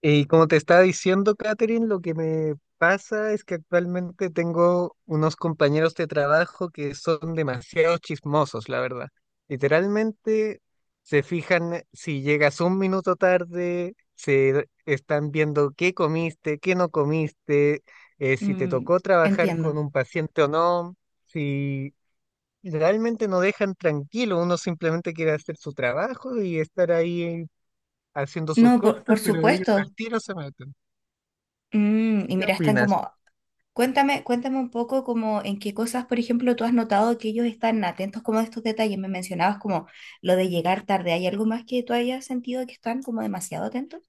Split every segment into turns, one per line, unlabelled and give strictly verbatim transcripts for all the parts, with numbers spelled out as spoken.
Y como te estaba diciendo, Catherine, lo que me pasa es que actualmente tengo unos compañeros de trabajo que son demasiado chismosos, la verdad. Literalmente se fijan eh, si llegas un minuto tarde, se están viendo qué comiste, qué no comiste, eh, si te
Mm,
tocó trabajar
entiendo.
con un paciente o no, si realmente no dejan tranquilo, uno simplemente quiere hacer su trabajo y estar ahí haciendo sus
No, por, por
cosas, pero ellos al
supuesto.
tiro se meten.
Mm, y
¿Qué
mira, están
opinas?
como, cuéntame, cuéntame un poco como en qué cosas, por ejemplo, tú has notado que ellos están atentos como a estos detalles. Me mencionabas como lo de llegar tarde. ¿Hay algo más que tú hayas sentido que están como demasiado atentos?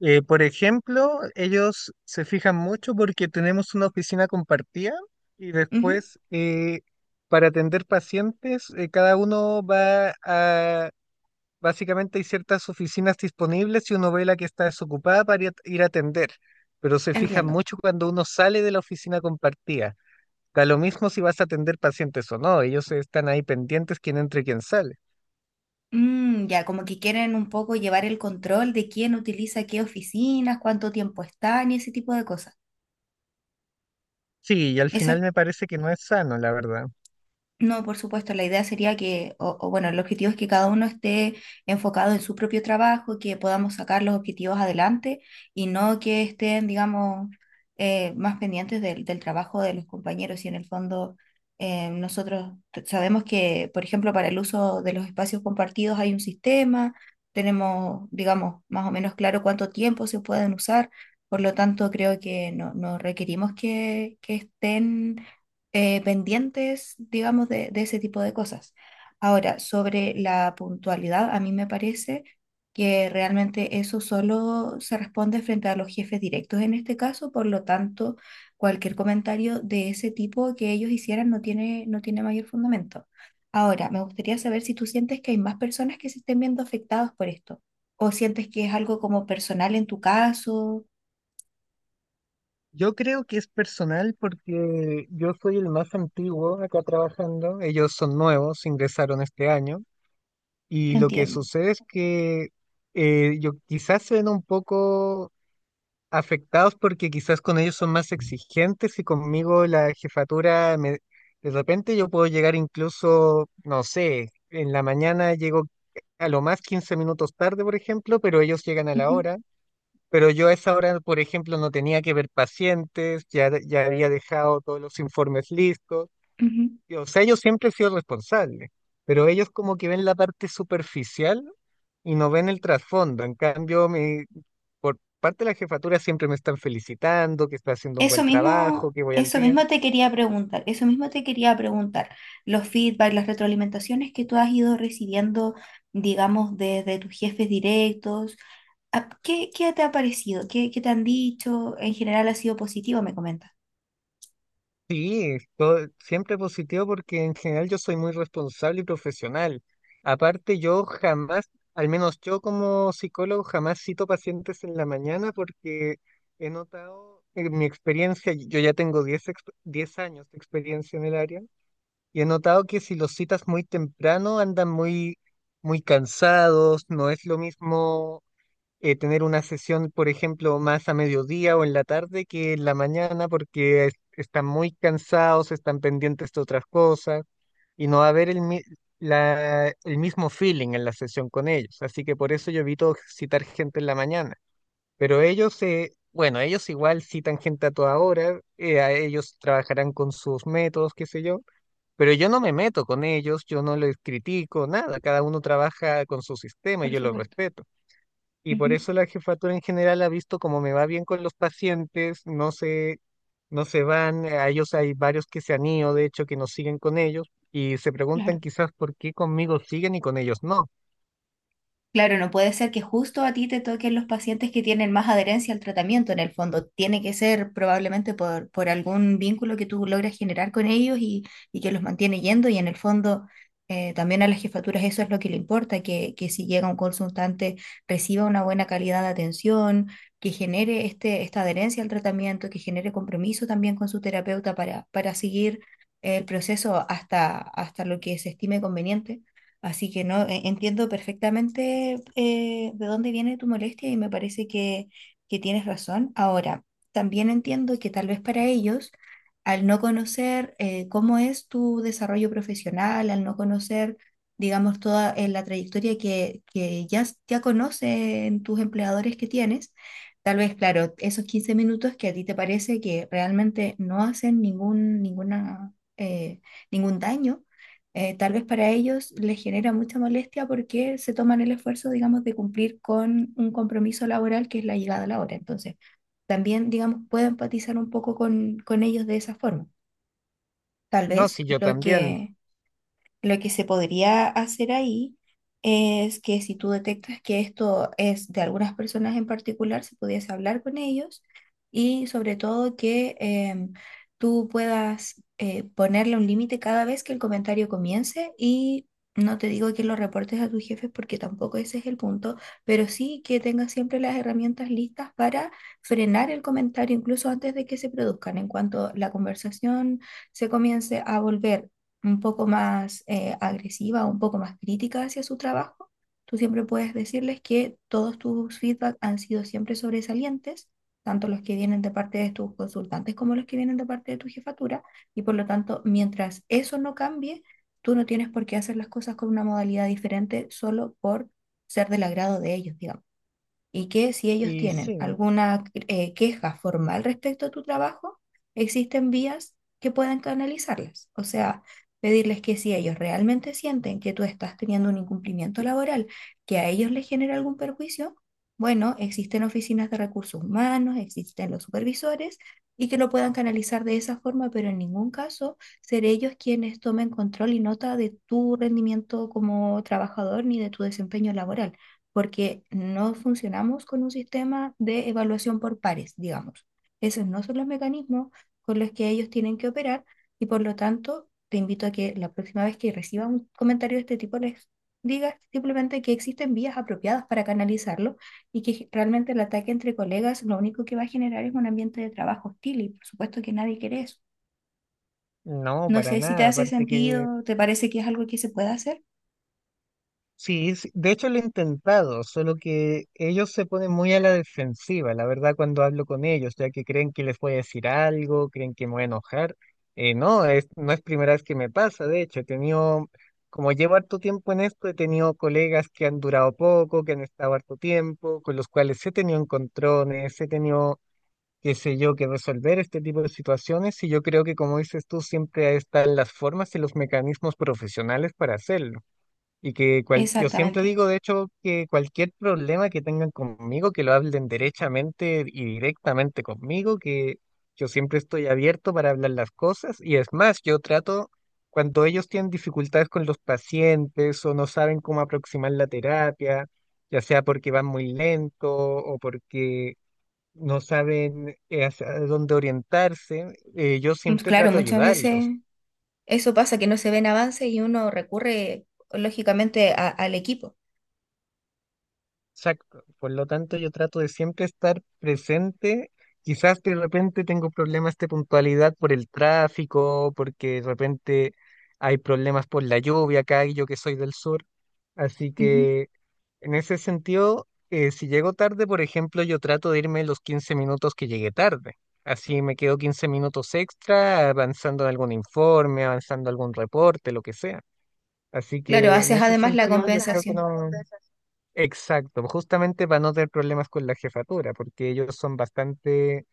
Eh, por ejemplo, ellos se fijan mucho porque tenemos una oficina compartida y
Ujú,
después eh, para atender pacientes, eh, cada uno va a, básicamente hay ciertas oficinas disponibles y uno ve la que está desocupada para ir a ir a atender, pero se fijan
entiendo.
mucho cuando uno sale de la oficina compartida. Da lo mismo si vas a atender pacientes o no, ellos están ahí pendientes quién entra y quién sale.
Mm, ya, como que quieren un poco llevar el control de quién utiliza qué oficinas, cuánto tiempo están y ese tipo de cosas.
Sí, y al
Eso es.
final me parece que no es sano, la verdad.
No, por supuesto, la idea sería que, o, o bueno, el objetivo es que cada uno esté enfocado en su propio trabajo, que podamos sacar los objetivos adelante y no que estén, digamos, eh, más pendientes del, del trabajo de los compañeros. Y en el fondo, eh, nosotros t- sabemos que, por ejemplo, para el uso de los espacios compartidos hay un sistema, tenemos, digamos, más o menos claro cuánto tiempo se pueden usar, por lo tanto, creo que no, no requerimos que, que estén eh, pendientes, digamos, de, de ese tipo de cosas. Ahora, sobre la puntualidad, a mí me parece que realmente eso solo se responde frente a los jefes directos en este caso, por lo tanto, cualquier comentario de ese tipo que ellos hicieran no tiene, no tiene mayor fundamento. Ahora, me gustaría saber si tú sientes que hay más personas que se estén viendo afectadas por esto, o sientes que es algo como personal en tu caso.
Yo creo que es personal porque yo soy el más antiguo acá trabajando, ellos son nuevos, ingresaron este año y lo que
Entiendo.
sucede es que eh, yo quizás se ven un poco afectados porque quizás con ellos son más exigentes y conmigo la jefatura me- de repente yo puedo llegar incluso, no sé, en la mañana llego a lo más quince minutos tarde, por ejemplo, pero ellos llegan a la
Ujú,
hora. Pero yo a esa hora, por ejemplo, no tenía que ver pacientes, ya, ya había dejado todos los informes listos.
ujú.
y, O sea, yo siempre he sido responsable, pero ellos como que ven la parte superficial y no ven el trasfondo. En cambio, mi, por parte de la jefatura siempre me están felicitando, que estoy haciendo un
Eso
buen trabajo,
mismo,
que voy al
eso
día.
mismo te quería preguntar, eso mismo te quería preguntar. Los feedback, las retroalimentaciones que tú has ido recibiendo, digamos, desde tus jefes directos, ¿a- ¿qué, qué te ha parecido? ¿Qué, qué te han dicho? En general ha sido positivo, me comentas.
Sí, todo- siempre positivo porque en general yo soy muy responsable y profesional. Aparte, yo jamás, al menos yo como psicólogo, jamás cito pacientes en la mañana porque he notado en mi experiencia, y yo ya tengo diez ex- diez años de experiencia en el área, y he notado que si los citas muy temprano andan muy, muy cansados, no es lo mismo eh, tener una sesión, por ejemplo, más a mediodía o en la tarde que en la mañana porque es- están muy cansados, están pendientes de otras cosas y no va a haber el, mi- la- el mismo feeling en la sesión con ellos. Así que por eso yo evito citar gente en la mañana. Pero ellos, eh, bueno, ellos igual citan gente a toda hora, eh, a ellos trabajarán con sus métodos, qué sé yo. Pero yo no me meto con ellos, yo no les critico, nada, cada uno trabaja con su sistema y
Por
yo lo
supuesto.
respeto. Y por
Ujú,
eso la jefatura en general ha visto cómo me va bien con los pacientes, no se, no se van, a ellos hay varios que se han ido, de hecho, que nos siguen con ellos, y se
claro.
preguntan quizás por qué conmigo siguen y con ellos no.
Claro, no puede ser que justo a ti te toquen los pacientes que tienen más adherencia al tratamiento en el fondo. Tiene que ser probablemente por, por algún vínculo que tú logras generar con ellos y, y que los mantiene yendo. Y en el fondo eh, también a las jefaturas eso es lo que le importa, que, que si llega un consultante reciba una buena calidad de atención, que genere este, esta adherencia al tratamiento, que genere compromiso también con su terapeuta para, para seguir el proceso hasta, hasta lo que se estime conveniente. Así que no, e- entiendo perfectamente eh, de dónde viene tu molestia y me parece que, que tienes razón. Ahora, también entiendo que tal vez para ellos, al no conocer eh, cómo es tu desarrollo profesional, al no conocer, digamos, toda eh, la trayectoria que, que ya, s- ya conocen tus empleadores que tienes, tal vez, claro, esos quince minutos que a ti te parece que realmente no hacen ningún, ninguna, eh, ningún daño eh, tal vez para ellos les genera mucha molestia porque se toman el esfuerzo, digamos, de cumplir con un compromiso laboral que es la llegada a la hora. Entonces, también, digamos, puedo empatizar un poco con, con ellos de esa forma. Tal
No,
vez
si yo
lo
también.
que lo que se podría hacer ahí es que si tú detectas que esto es de algunas personas en particular, se pudiese hablar con ellos y sobre todo que em, tú puedas eh, ponerle un límite cada vez que el comentario comience y no te digo que lo reportes a tus jefes porque tampoco ese es el punto, pero sí que tengas siempre las herramientas listas para frenar el comentario incluso antes de que se produzcan, en cuanto la conversación se comience a volver un poco más eh, agresiva, un poco más crítica hacia su trabajo, tú siempre puedes decirles que todos tus feedback han sido siempre sobresalientes, tanto los que vienen de parte de tus consultantes como los que vienen de parte de tu jefatura, y por lo tanto, mientras eso no cambie, tú no tienes por qué hacer las cosas con una modalidad diferente solo por ser del agrado de ellos, digamos. Y que si ellos
Y
tienen
sí,
alguna eh, queja formal respecto a tu trabajo, existen vías que puedan canalizarlas. O sea, pedirles que si ellos realmente sienten que tú estás teniendo un incumplimiento laboral que a ellos les genera algún perjuicio, bueno, existen oficinas de recursos humanos, existen los supervisores y que lo puedan canalizar de esa forma, pero en ningún caso ser ellos quienes tomen control y nota de tu rendimiento como trabajador ni de tu desempeño laboral porque no funcionamos con un sistema de evaluación por pares, digamos. Esos no son los mecanismos con los que ellos tienen que operar y por lo tanto te invito a que la próxima vez que recibas un comentario de este tipo les digas simplemente que existen vías apropiadas para canalizarlo y que realmente el ataque entre colegas lo único que va a generar es un ambiente de trabajo hostil y por supuesto que nadie quiere eso.
no,
No
para
sé si te
nada,
hace
aparte que
sentido, te parece que es algo que se puede hacer.
sí, sí, de hecho lo he intentado, solo que ellos se ponen muy a la defensiva, la verdad, cuando hablo con ellos, ya que creen que les voy a decir algo, creen que me voy a enojar. Eh, no, es, no es primera vez que me pasa, de hecho, he tenido, como llevo harto tiempo en esto, he tenido colegas que han durado poco, que han estado harto tiempo, con los cuales he tenido encontrones, he tenido, qué sé yo, que resolver este tipo de situaciones, y yo creo que, como dices tú, siempre están las formas y los mecanismos profesionales para hacerlo. Y que cual- yo siempre
Exactamente.
digo, de hecho, que cualquier problema que tengan conmigo, que lo hablen derechamente y directamente conmigo, que yo siempre estoy abierto para hablar las cosas. Y es más, yo trato, cuando ellos tienen dificultades con los pacientes o no saben cómo aproximar la terapia, ya sea porque van muy lento o porque no saben eh, hacia dónde orientarse, eh, yo
Mm,
siempre
claro,
trato de
muchas
ayudarlos.
veces eso pasa, que no se ven avances y uno recurre lógicamente a- al equipo.
Exacto. Por lo tanto, yo trato de siempre estar presente. Quizás de repente tengo problemas de puntualidad por el tráfico, porque de repente hay problemas por la lluvia acá y yo que soy del sur. Así
Ujú.
que en ese sentido, eh, si llego tarde, por ejemplo, yo trato de irme los quince minutos que llegué tarde. Así me quedo quince minutos extra avanzando en algún informe, avanzando algún reporte, lo que sea. Así
Claro,
que en
haces
ese
además la
sentido, yo creo que
compensación.
no. Exacto, justamente para no tener problemas con la jefatura, porque ellos son bastante,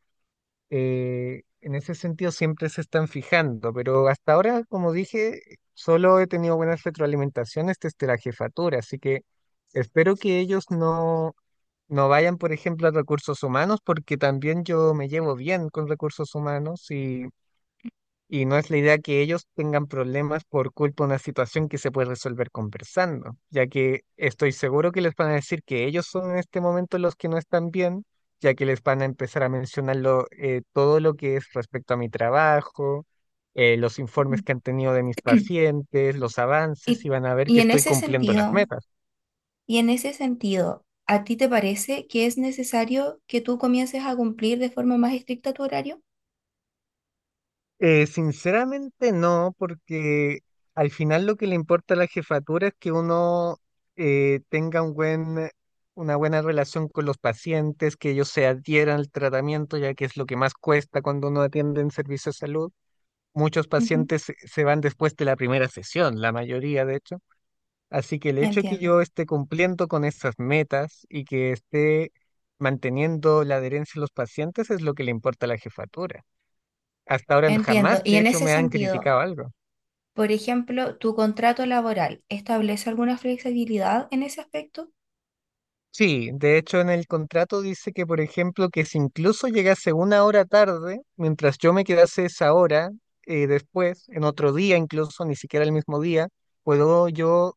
eh, en ese sentido siempre se están fijando, pero hasta ahora, como dije, solo he tenido buenas retroalimentaciones desde la jefatura, así que espero que ellos no, no vayan, por ejemplo, a recursos humanos, porque también yo me llevo bien con recursos humanos y y no es la idea que ellos tengan problemas por culpa de una situación que se puede resolver conversando, ya que estoy seguro que les van a decir que ellos son en este momento los que no están bien, ya que les van a empezar a mencionar lo- eh, todo lo que es respecto a mi trabajo, eh, los
Ujú.
informes que han tenido de mis pacientes, los avances,
Y,
y van a ver
y
que
en
estoy
ese
cumpliendo las
sentido,
metas.
y en ese sentido, ¿a ti te parece que es necesario que tú comiences a cumplir de forma más estricta tu horario?
Eh, sinceramente no, porque al final lo que le importa a la jefatura es que uno eh, tenga un buen, una buena relación con los pacientes, que ellos se adhieran al tratamiento, ya que es lo que más cuesta cuando uno atiende en servicio de salud. Muchos
Ujú.
pacientes se se van después de la primera sesión, la mayoría de hecho. Así que el hecho de que
Entiendo,
yo esté cumpliendo con esas metas y que esté manteniendo la adherencia de los pacientes es lo que le importa a la jefatura. Hasta ahora
entiendo.
jamás,
Y
de
en
hecho,
ese
me han
sentido,
criticado algo.
por ejemplo, ¿tu contrato laboral establece alguna flexibilidad en ese aspecto?
Sí, de hecho, en el contrato dice que, por ejemplo, que si incluso llegase una hora tarde, mientras yo me quedase esa hora, eh, después, en otro día incluso, ni siquiera el mismo día, puedo yo,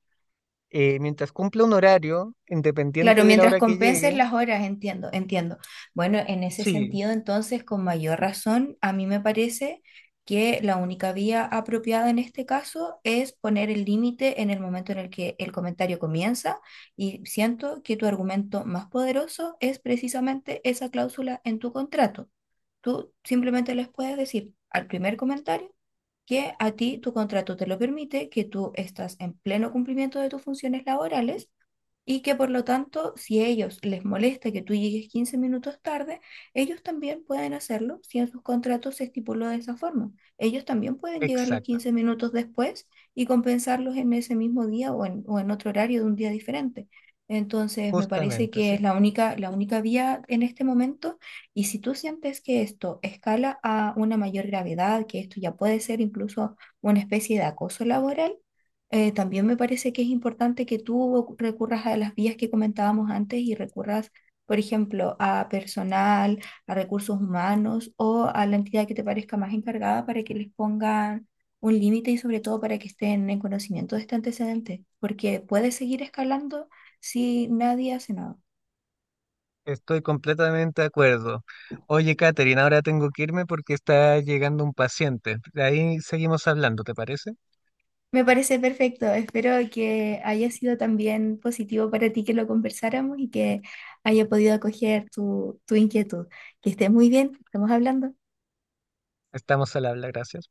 eh, mientras cumpla un horario,
Claro,
independiente de la
mientras
hora que
compenses
llegue.
las horas, entiendo, entiendo. Bueno, en ese
Sí,
sentido, entonces, con mayor razón, a mí me parece que la única vía apropiada en este caso es poner el límite en el momento en el que el comentario comienza y siento que tu argumento más poderoso es precisamente esa cláusula en tu contrato. Tú simplemente les puedes decir al primer comentario que a ti tu contrato te lo permite, que tú estás en pleno cumplimiento de tus funciones laborales y que por lo tanto, si a ellos les molesta que tú llegues quince minutos tarde, ellos también pueden hacerlo si en sus contratos se estipuló de esa forma. Ellos también pueden llegar los
exacto,
quince minutos después y compensarlos en ese mismo día o en, o en otro horario de un día diferente. Entonces, me parece
justamente,
que es
sí.
la única, la única vía en este momento y si tú sientes que esto escala a una mayor gravedad, que esto ya puede ser incluso una especie de acoso laboral, eh, también me parece que es importante que tú recurras a las vías que comentábamos antes y recurras, por ejemplo, a personal, a recursos humanos o a la entidad que te parezca más encargada para que les pongan un límite y sobre todo para que estén en conocimiento de este antecedente, porque puede seguir escalando si nadie hace nada.
Estoy completamente de acuerdo. Oye, Katherine, ahora tengo que irme porque está llegando un paciente. De ahí seguimos hablando, ¿te parece?
Me parece perfecto. Espero que haya sido también positivo para ti que lo conversáramos y que haya podido acoger tu, tu inquietud. Que estés muy bien. Estamos hablando.
Estamos al habla, gracias.